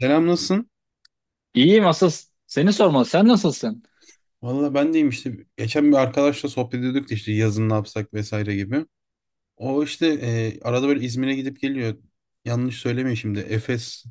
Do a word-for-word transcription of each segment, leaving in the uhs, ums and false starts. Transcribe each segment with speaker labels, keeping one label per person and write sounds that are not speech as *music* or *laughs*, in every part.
Speaker 1: Selam, nasılsın?
Speaker 2: İyiyim asıl seni sormalı. Sen nasılsın?
Speaker 1: Valla ben deyim işte geçen bir arkadaşla sohbet ediyorduk da işte yazın ne yapsak vesaire gibi. O işte e, arada böyle İzmir'e gidip geliyor. Yanlış söylemeyin şimdi, Efes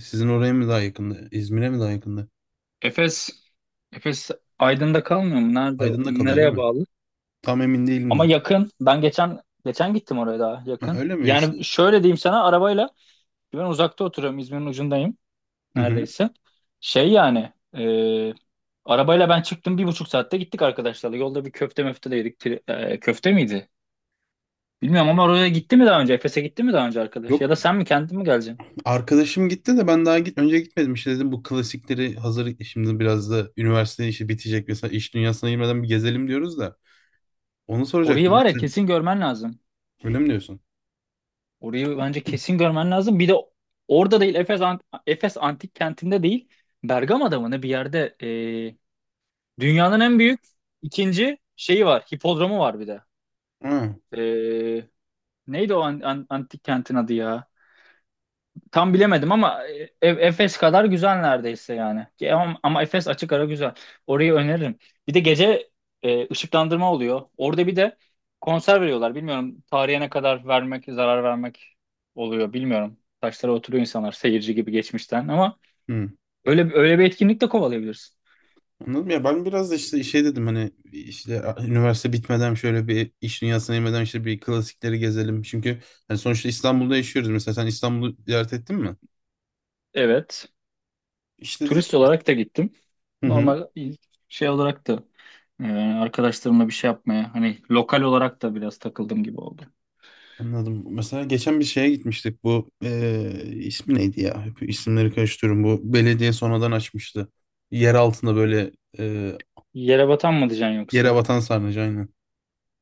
Speaker 1: sizin oraya mı daha yakında? İzmir'e mi daha yakında?
Speaker 2: Efes, Efes Aydın'da kalmıyor mu? Nerede?
Speaker 1: Aydın'da kalıyor değil
Speaker 2: Nereye
Speaker 1: mi?
Speaker 2: bağlı?
Speaker 1: Tam emin değilim
Speaker 2: Ama
Speaker 1: de.
Speaker 2: yakın. Ben geçen geçen gittim oraya daha
Speaker 1: Ha,
Speaker 2: yakın.
Speaker 1: öyle mi işte?
Speaker 2: Yani şöyle diyeyim sana arabayla ben uzakta oturuyorum. İzmir'in ucundayım
Speaker 1: Hı hı.
Speaker 2: neredeyse. Şey yani e, arabayla ben çıktım bir buçuk saatte gittik arkadaşlarla. Yolda bir köfte möfte de yedik. Tri- e, köfte miydi? Bilmiyorum ama oraya gitti mi daha önce? Efes'e gitti mi daha önce arkadaş? Ya
Speaker 1: Yok,
Speaker 2: da sen mi kendin mi geleceksin?
Speaker 1: arkadaşım gitti de ben daha git önce gitmedim işte, dedim bu klasikleri hazır şimdi biraz da üniversite işi bitecek, mesela iş dünyasına girmeden bir gezelim diyoruz da, onu
Speaker 2: Orayı
Speaker 1: soracaktım ya,
Speaker 2: var ya
Speaker 1: sen
Speaker 2: kesin görmen lazım.
Speaker 1: öyle mi diyorsun?
Speaker 2: Orayı bence kesin görmen lazım. Bir de orada değil Efes, Ant- Efes Antik Kenti'nde değil, Bergama'da mı ne bir yerde e, dünyanın en büyük ikinci şeyi var. Hipodromu var bir de.
Speaker 1: Ha.
Speaker 2: E, neydi o an- an- antik kentin adı ya? Tam bilemedim ama e, Efes kadar güzel neredeyse yani. Ki ama, ama Efes açık ara güzel. Orayı öneririm. Bir de gece e, ışıklandırma oluyor. Orada bir de konser veriyorlar. Bilmiyorum tarihe ne kadar vermek, zarar vermek oluyor bilmiyorum. Taşlara oturuyor insanlar seyirci gibi geçmişten ama
Speaker 1: Hı.
Speaker 2: öyle öyle bir etkinlik de kovalayabilirsin.
Speaker 1: Anladım ya, ben biraz da işte şey dedim, hani işte a- üniversite bitmeden şöyle bir iş dünyasına inmeden işte bir klasikleri gezelim. Çünkü hani sonuçta İstanbul'da yaşıyoruz. Mesela sen İstanbul'u ziyaret ettin mi?
Speaker 2: Evet. Turist
Speaker 1: İşledik.
Speaker 2: olarak da gittim.
Speaker 1: Hı hı,
Speaker 2: Normal şey olarak da e, arkadaşlarımla bir şey yapmaya hani lokal olarak da biraz takıldım gibi oldu.
Speaker 1: anladım. Mesela geçen bir şeye gitmiştik, bu eee, ismi neydi ya? Hep isimleri karıştırıyorum. Bu belediye sonradan açmıştı. Yer altında böyle, eee,
Speaker 2: Yere batan mı diyeceksin
Speaker 1: yere
Speaker 2: yoksa?
Speaker 1: batan sarnıcı, aynen.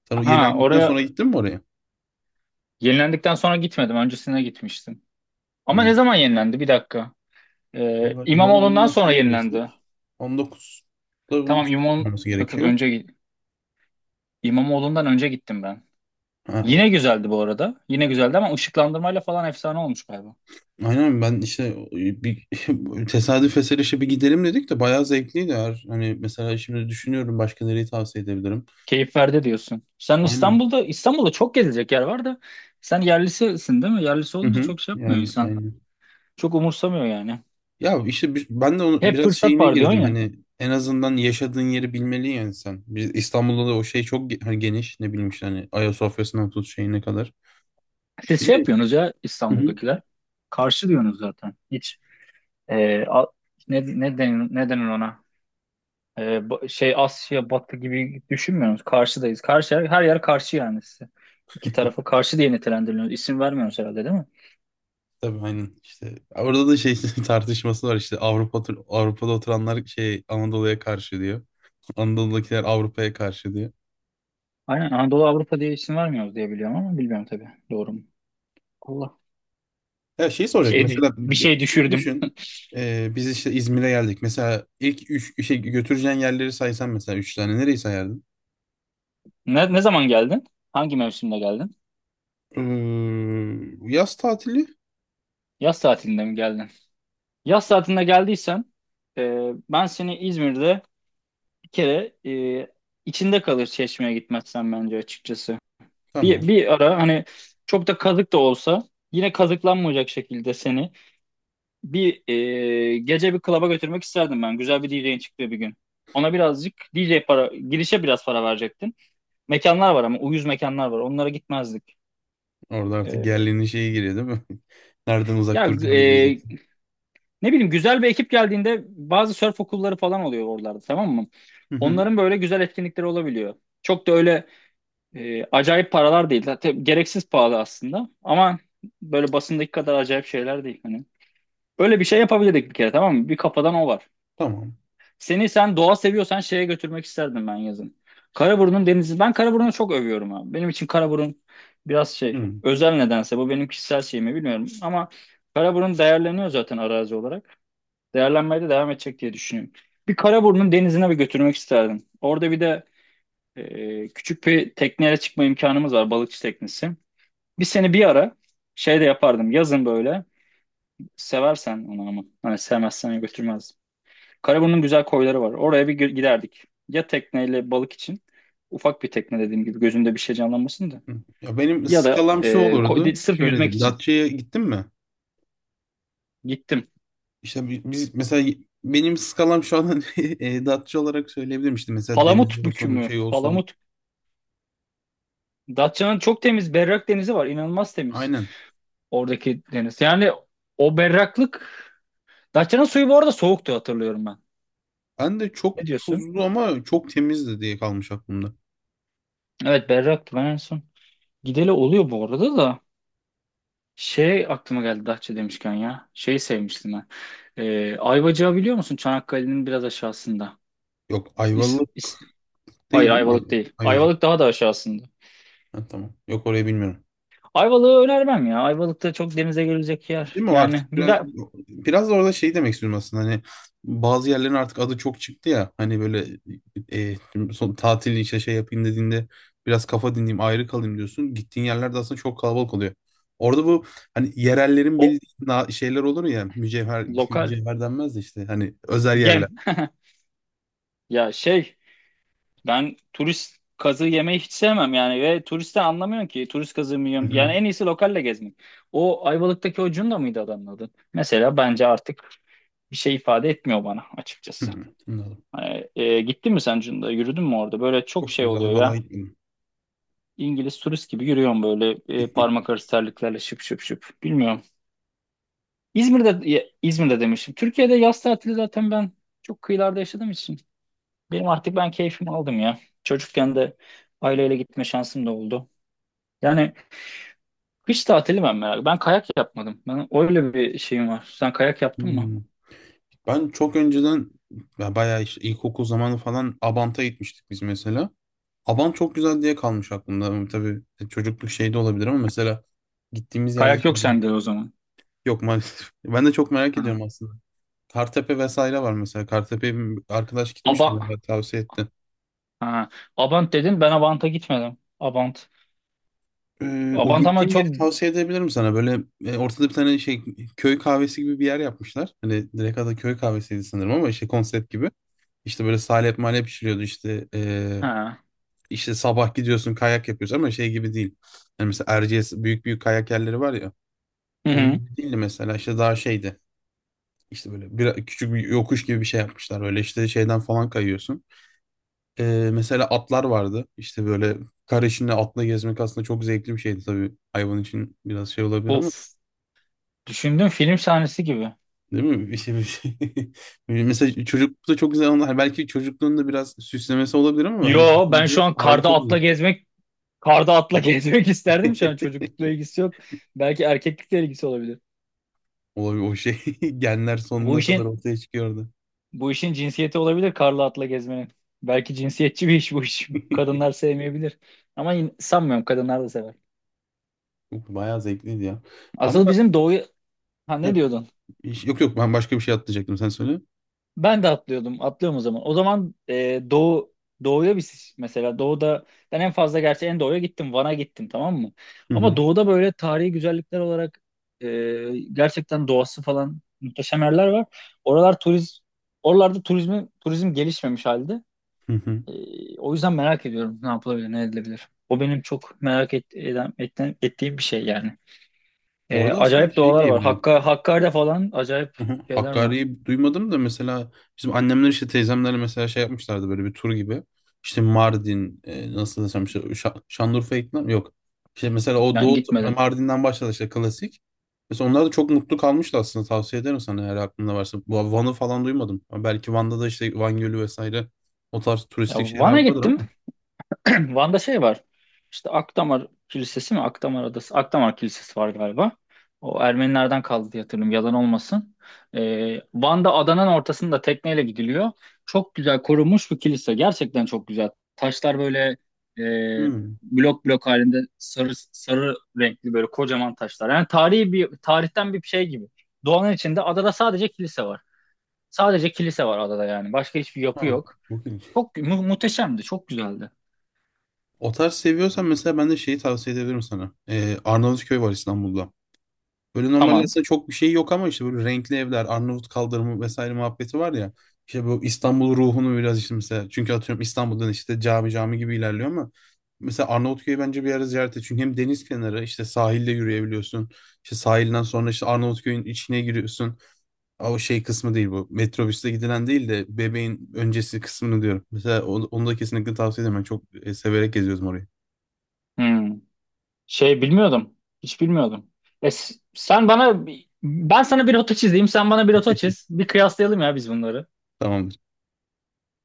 Speaker 1: Sen o
Speaker 2: Ha,
Speaker 1: yenilendikten
Speaker 2: oraya
Speaker 1: sonra gittin mi oraya?
Speaker 2: yenilendikten sonra gitmedim. Öncesine gitmiştim. Ama ne
Speaker 1: Yani
Speaker 2: zaman yenilendi? Bir dakika. Ee,
Speaker 1: vallahi
Speaker 2: İmamoğlu'ndan
Speaker 1: İmamoğlu'ndan
Speaker 2: sonra
Speaker 1: sonra
Speaker 2: yenilendi.
Speaker 1: desek on dokuzda
Speaker 2: Tamam İmam,
Speaker 1: olması
Speaker 2: yok yok
Speaker 1: gerekiyor.
Speaker 2: önce gi- İmamoğlu'ndan önce gittim ben.
Speaker 1: Ha,
Speaker 2: Yine güzeldi bu arada. Yine güzeldi ama ışıklandırmayla falan efsane olmuş galiba.
Speaker 1: aynen, ben işte e, bir *laughs* tesadüf eseri işte bir gidelim dedik de bayağı zevkliydi. Eğer, hani mesela şimdi düşünüyorum başka nereyi tavsiye edebilirim.
Speaker 2: Keyif verdi diyorsun. Sen
Speaker 1: Aynen.
Speaker 2: İstanbul'da İstanbul'da çok gezilecek yer var da sen yerlisisin değil mi? Yerlisi
Speaker 1: Hı
Speaker 2: olunca
Speaker 1: hı.
Speaker 2: çok şey yapmıyor
Speaker 1: Yani
Speaker 2: insan.
Speaker 1: aynen.
Speaker 2: Çok umursamıyor yani.
Speaker 1: Ya işte bi- ben de onu
Speaker 2: Hep
Speaker 1: biraz
Speaker 2: fırsat
Speaker 1: şeyine
Speaker 2: var diyorsun
Speaker 1: girdim
Speaker 2: ya.
Speaker 1: hani, en azından yaşadığın yeri bilmeli yani sen. Biz İstanbul'da da o şey çok ge- hani geniş, ne bileyim işte hani Ayasofya'sından tut şeyine kadar.
Speaker 2: Siz
Speaker 1: Bir
Speaker 2: şey
Speaker 1: de
Speaker 2: yapıyorsunuz ya
Speaker 1: hı hı.
Speaker 2: İstanbul'dakiler. Karşı diyorsunuz zaten. Hiç e, a- ne, ne denir, ne denir ona? E, ba- şey Asya Batı gibi düşünmüyoruz. Karşıdayız. Karşı, her, her yer karşı yani size. İki tarafı karşı diye nitelendiriliyoruz. İsim vermiyoruz herhalde değil mi?
Speaker 1: Tabii, aynen, işte orada da şey *laughs* tartışması var işte. Avrupa tur- Avrupa'da oturanlar şey, Anadolu'ya karşı diyor. Anadolu'dakiler Avrupa'ya karşı diye.
Speaker 2: Aynen Anadolu Avrupa diye isim vermiyoruz diye biliyorum ama bilmiyorum tabii. Doğru mu? Allah.
Speaker 1: Ya, şeyi
Speaker 2: Bir
Speaker 1: soracak
Speaker 2: şey dü-
Speaker 1: mesela,
Speaker 2: bir
Speaker 1: bir-
Speaker 2: şey
Speaker 1: işte
Speaker 2: düşürdüm.
Speaker 1: düşün, e, biz işte İzmir'e geldik. Mesela ilk üç işe götüreceğin yerleri saysan, mesela üç tane nereyi sayardın?
Speaker 2: Ne ne zaman geldin? Hangi mevsimde geldin?
Speaker 1: Ee, yaz tatili.
Speaker 2: Yaz tatilinde mi geldin? Yaz tatilinde geldiysen e, ben seni İzmir'de bir kere e, içinde kalır Çeşme'ye gitmezsen bence açıkçası. Bir,
Speaker 1: Tamam.
Speaker 2: bir ara hani çok da kazık da olsa yine kazıklanmayacak şekilde seni bir e, gece bir klaba götürmek isterdim ben. Güzel bir D J'in çıktığı bir gün. Ona birazcık D J para, girişe biraz para verecektin. Mekanlar var ama uyuz mekanlar var. Onlara gitmezdik.
Speaker 1: Orada artık
Speaker 2: E,
Speaker 1: yerlinin şeyi giriyor değil mi? *laughs* Nereden uzak
Speaker 2: ya
Speaker 1: duracağını
Speaker 2: e,
Speaker 1: bileceksin.
Speaker 2: ne bileyim güzel bir ekip geldiğinde bazı surf okulları falan oluyor oralarda, tamam mı?
Speaker 1: Hı hı.
Speaker 2: Onların böyle güzel etkinlikleri olabiliyor. Çok da öyle E, acayip paralar değil. Zaten gereksiz pahalı aslında. Ama böyle basındaki kadar acayip şeyler değil. Hani böyle bir şey yapabilirdik bir kere, tamam mı? Bir kafadan o var.
Speaker 1: Tamam.
Speaker 2: Seni, sen doğa seviyorsan şeye götürmek isterdim ben yazın. Karaburun'un denizi. Ben Karaburun'u çok övüyorum abi. Benim için Karaburun biraz şey
Speaker 1: Hı
Speaker 2: özel nedense. Bu benim kişisel şeyimi bilmiyorum. Ama Karaburun değerleniyor zaten arazi olarak. Değerlenmeye de devam edecek diye düşünüyorum. Bir Karaburun'un denizine bir götürmek isterdim. Orada bir de e, küçük bir tekneyle çıkma imkanımız var. Balıkçı teknesi. Bir seni bir ara şey de yapardım. Yazın böyle. Seversen onu ama. Hani sevmezsen götürmezdim. Karaburun'un güzel koyları var. Oraya bir gö- giderdik. Ya tekneyle balık için. Ufak bir tekne dediğim gibi. Gözünde bir şey canlanmasın da.
Speaker 1: hı. Ya benim
Speaker 2: Ya da
Speaker 1: skalam
Speaker 2: e,
Speaker 1: şu
Speaker 2: ko- de-
Speaker 1: olurdu,
Speaker 2: sırf
Speaker 1: şöyle
Speaker 2: yüzmek
Speaker 1: diyeyim.
Speaker 2: için.
Speaker 1: Datça'ya gittin mi?
Speaker 2: Gittim.
Speaker 1: İşte bi- biz mesela, benim skalam şu an *laughs* e, Datça olarak söyleyebilirim işte, mesela denizli
Speaker 2: Palamut bükü
Speaker 1: olsun
Speaker 2: mü?
Speaker 1: şey olsun.
Speaker 2: Palamut. Datça'nın çok temiz berrak denizi var. İnanılmaz temiz.
Speaker 1: Aynen.
Speaker 2: Oradaki deniz. Yani o berraklık. Datça'nın suyu bu arada soğuktu, hatırlıyorum ben.
Speaker 1: Ben de çok
Speaker 2: Ne diyorsun?
Speaker 1: tuzlu ama çok temizdi diye kalmış aklımda.
Speaker 2: Evet, berraktı ben en son. Gideli oluyor bu arada da. Şey aklıma geldi Datça demişken ya. Şeyi sevmiştim ben. Ee, Ayvacık'ı biliyor musun? Çanakkale'nin biraz aşağısında.
Speaker 1: Yok,
Speaker 2: İs, is-
Speaker 1: Ayvalık
Speaker 2: Hayır,
Speaker 1: değil değil mi? Ay-
Speaker 2: Ayvalık değil.
Speaker 1: Ayvacık.
Speaker 2: Ayvalık daha da aşağısında.
Speaker 1: Ha, tamam. Yok, orayı bilmiyorum.
Speaker 2: Ayvalık'ı önermem ya. Ayvalık'ta çok denize görülecek
Speaker 1: Değil
Speaker 2: yer.
Speaker 1: mi? O
Speaker 2: Yani
Speaker 1: artık biraz
Speaker 2: güzel.
Speaker 1: biraz da orada şey demek istiyorum aslında, hani bazı yerlerin artık adı çok çıktı ya, hani böyle, e, son tatil işte şey yapayım dediğinde biraz kafa dinleyeyim, ayrı kalayım diyorsun. Gittiğin yerlerde aslında çok kalabalık oluyor. Orada bu hani yerellerin
Speaker 2: O
Speaker 1: bildiği na- şeyler olur ya, mücevher *laughs*
Speaker 2: lokal.
Speaker 1: mücevher denmez de, işte hani özel yerler.
Speaker 2: Gem. *laughs* Ya şey, ben turist kazığı yemeyi hiç sevmem yani ve turiste anlamıyorum ki turist kazığı mı
Speaker 1: Hı
Speaker 2: yiyorum. Yani
Speaker 1: hı.
Speaker 2: en iyisi lokalle gezmek. O Ayvalık'taki o Cunda mıydı adamın adı? Mesela bence artık bir şey ifade etmiyor bana
Speaker 1: Hı
Speaker 2: açıkçası.
Speaker 1: hı.
Speaker 2: Hani, e, gittin mi sen Cunda? Yürüdün mü orada? Böyle çok
Speaker 1: Çok
Speaker 2: şey
Speaker 1: güzel,
Speaker 2: oluyor ya.
Speaker 1: vallahi gitmedim.
Speaker 2: İngiliz turist gibi yürüyorum böyle e, parmak
Speaker 1: *laughs*
Speaker 2: arası terliklerle şıp şıp şıp. Bilmiyorum. İzmir'de ya, İzmir'de demişim. Türkiye'de yaz tatili zaten ben çok kıyılarda yaşadığım için. Benim artık ben keyfimi aldım ya. Çocukken de aileyle gitme şansım da oldu. Yani kış tatili ben merak. Ben kayak yapmadım. Ben öyle bir şeyim var. Sen kayak yaptın mı?
Speaker 1: Hmm. Ben çok önceden, ya bayağı işte ilkokul zamanı falan Abant'a gitmiştik biz mesela. Abant çok güzel diye kalmış aklımda. Ama tabii, e, çocukluk şey de olabilir ama mesela gittiğimiz yerde
Speaker 2: Kayak
Speaker 1: işte
Speaker 2: yok
Speaker 1: Abant,
Speaker 2: sende o zaman.
Speaker 1: yok maalesef. *laughs* Ben de çok merak
Speaker 2: Ha.
Speaker 1: ediyorum aslında. Kartepe vesaire var mesela. Kartepe'ye bir arkadaş gitmişti,
Speaker 2: Aba,
Speaker 1: bana tavsiye etti.
Speaker 2: ha. Abant dedin. Ben Abant'a gitmedim. Abant.
Speaker 1: Ee, o
Speaker 2: Abant ama
Speaker 1: gittiğim
Speaker 2: çok.
Speaker 1: yeri tavsiye edebilirim sana. Böyle, e, ortada bir tane şey, köy kahvesi gibi bir yer yapmışlar. Hani direkt adı köy kahvesiydi sanırım ama işte konsept gibi. İşte böyle salep malep pişiriyordu işte, eee,
Speaker 2: Ha.
Speaker 1: işte sabah gidiyorsun kayak yapıyorsun ama şey gibi değil. Yani mesela Erciyes, büyük büyük kayak yerleri var ya.
Speaker 2: Hı hı.
Speaker 1: Onun gibi değildi mesela, işte daha şeydi. İşte böyle bir, küçük bir yokuş gibi bir şey yapmışlar. Böyle işte şeyden falan kayıyorsun. Eee, mesela atlar vardı. İşte böyle kar içinde atla gezmek aslında çok zevkli bir şeydi tabii. Hayvan için biraz şey olabilir ama,
Speaker 2: Of. Düşündüm, film sahnesi gibi.
Speaker 1: değil mi? Bir şey, bir şey. *laughs* Mesela çocuklukta çok güzel onlar. Belki çocukluğunda biraz süslemesi olabilir ama, hani
Speaker 2: Yo ben şu
Speaker 1: düşünce
Speaker 2: an
Speaker 1: harbi
Speaker 2: karda
Speaker 1: çok güzel.
Speaker 2: atla gezmek, karda atla *laughs* gezmek isterdim şu an,
Speaker 1: *laughs*
Speaker 2: çocuklukla ilgisi yok. Belki erkeklikle ilgisi olabilir.
Speaker 1: O, o şey, *laughs* genler
Speaker 2: Bu
Speaker 1: sonuna kadar
Speaker 2: işin
Speaker 1: ortaya çıkıyordu.
Speaker 2: bu işin cinsiyeti olabilir karla atla gezmenin. Belki cinsiyetçi bir iş bu iş. Kadınlar sevmeyebilir. Ama yine, sanmıyorum, kadınlar da sever.
Speaker 1: Yok, bayağı zevkliydi ya. Ama,
Speaker 2: Asıl bizim doğu, ha ne diyordun?
Speaker 1: *clears throat* yok yok, ben başka bir şey atlayacaktım, sen söyle.
Speaker 2: Ben de atlıyordum. Atlıyorum o zaman. O zaman e, doğu doğuya biz mesela doğuda ben en fazla gerçi en doğuya gittim. Van'a gittim, tamam mı?
Speaker 1: Hı
Speaker 2: Ama
Speaker 1: hı,
Speaker 2: doğuda böyle tarihi güzellikler olarak e, gerçekten doğası falan muhteşem yerler var. Oralar turiz oralarda turizmi turizm gelişmemiş halde.
Speaker 1: hı hı.
Speaker 2: E, o yüzden merak ediyorum ne yapılabilir, ne edilebilir. O benim çok merak et, eden, etten- ettiğim bir şey yani. E,
Speaker 1: Orada aslında
Speaker 2: acayip
Speaker 1: şey
Speaker 2: doğalar var.
Speaker 1: diyebilirim.
Speaker 2: Hakka, Hakkari'de falan acayip
Speaker 1: Hı hı.
Speaker 2: şeyler var.
Speaker 1: Hakkari'yi duymadım da, mesela bizim annemler işte teyzemlerle mesela şey yapmışlardı, böyle bir tur gibi. İşte Mardin, e, nasıl desem işte, Şa- Şanlıurfa, iklim yok. İşte mesela o,
Speaker 2: Ben
Speaker 1: Doğu
Speaker 2: gitmedim.
Speaker 1: Mardin'den başladı işte klasik. Mesela onlar da çok mutlu kalmıştı aslında, tavsiye ederim sana eğer aklında varsa. Bu Van'ı falan duymadım. Ama belki Van'da da işte, Van Gölü vesaire o tarz
Speaker 2: Ya
Speaker 1: turistik şeyler
Speaker 2: Van'a
Speaker 1: vardır
Speaker 2: gittim.
Speaker 1: ama.
Speaker 2: *clears throat* Van'da şey var. İşte Akdamar Kilisesi mi? Akdamar Adası. Akdamar Kilisesi var galiba. O Ermenilerden kaldı diye hatırlıyorum. Yalan olmasın. Ee, Van'da adanın ortasında tekneyle gidiliyor. Çok güzel korunmuş bir kilise. Gerçekten çok güzel. Taşlar böyle e,
Speaker 1: Hmm.
Speaker 2: blok blok halinde sarı sarı renkli böyle kocaman taşlar. Yani tarihi bir tarihten bir şey gibi. Doğanın içinde adada sadece kilise var. Sadece kilise var adada yani. Başka hiçbir yapı
Speaker 1: Ha.
Speaker 2: yok.
Speaker 1: Çok ilginç.
Speaker 2: Çok mu- muhteşemdi. Çok güzeldi.
Speaker 1: O tarz seviyorsan mesela, ben de şeyi tavsiye edebilirim sana. E, Arnavutköy var İstanbul'da. Böyle normalde
Speaker 2: Tamam.
Speaker 1: aslında çok bir şey yok ama işte böyle renkli evler, Arnavut kaldırımı vesaire muhabbeti var ya. İşte bu İstanbul ruhunu biraz işte mesela. Çünkü atıyorum İstanbul'dan işte cami cami gibi ilerliyor ama, mesela Arnavutköy'ü bence bir ara ziyaret et. Çünkü hem deniz kenarı, işte sahilde yürüyebiliyorsun. İşte sahilden sonra işte Arnavutköy'ün içine giriyorsun. Aa, o şey kısmı değil bu. Metrobüsle gidilen değil de, bebeğin öncesi kısmını diyorum. Mesela onu, onu da kesinlikle tavsiye ederim. Ben çok, e, severek geziyoruz orayı.
Speaker 2: Hmm. Şey bilmiyordum. Hiç bilmiyordum. E, s- sen bana, ben sana bir rota çizeyim, sen bana bir rota çiz.
Speaker 1: *laughs*
Speaker 2: Bir kıyaslayalım ya biz bunları.
Speaker 1: Tamamdır.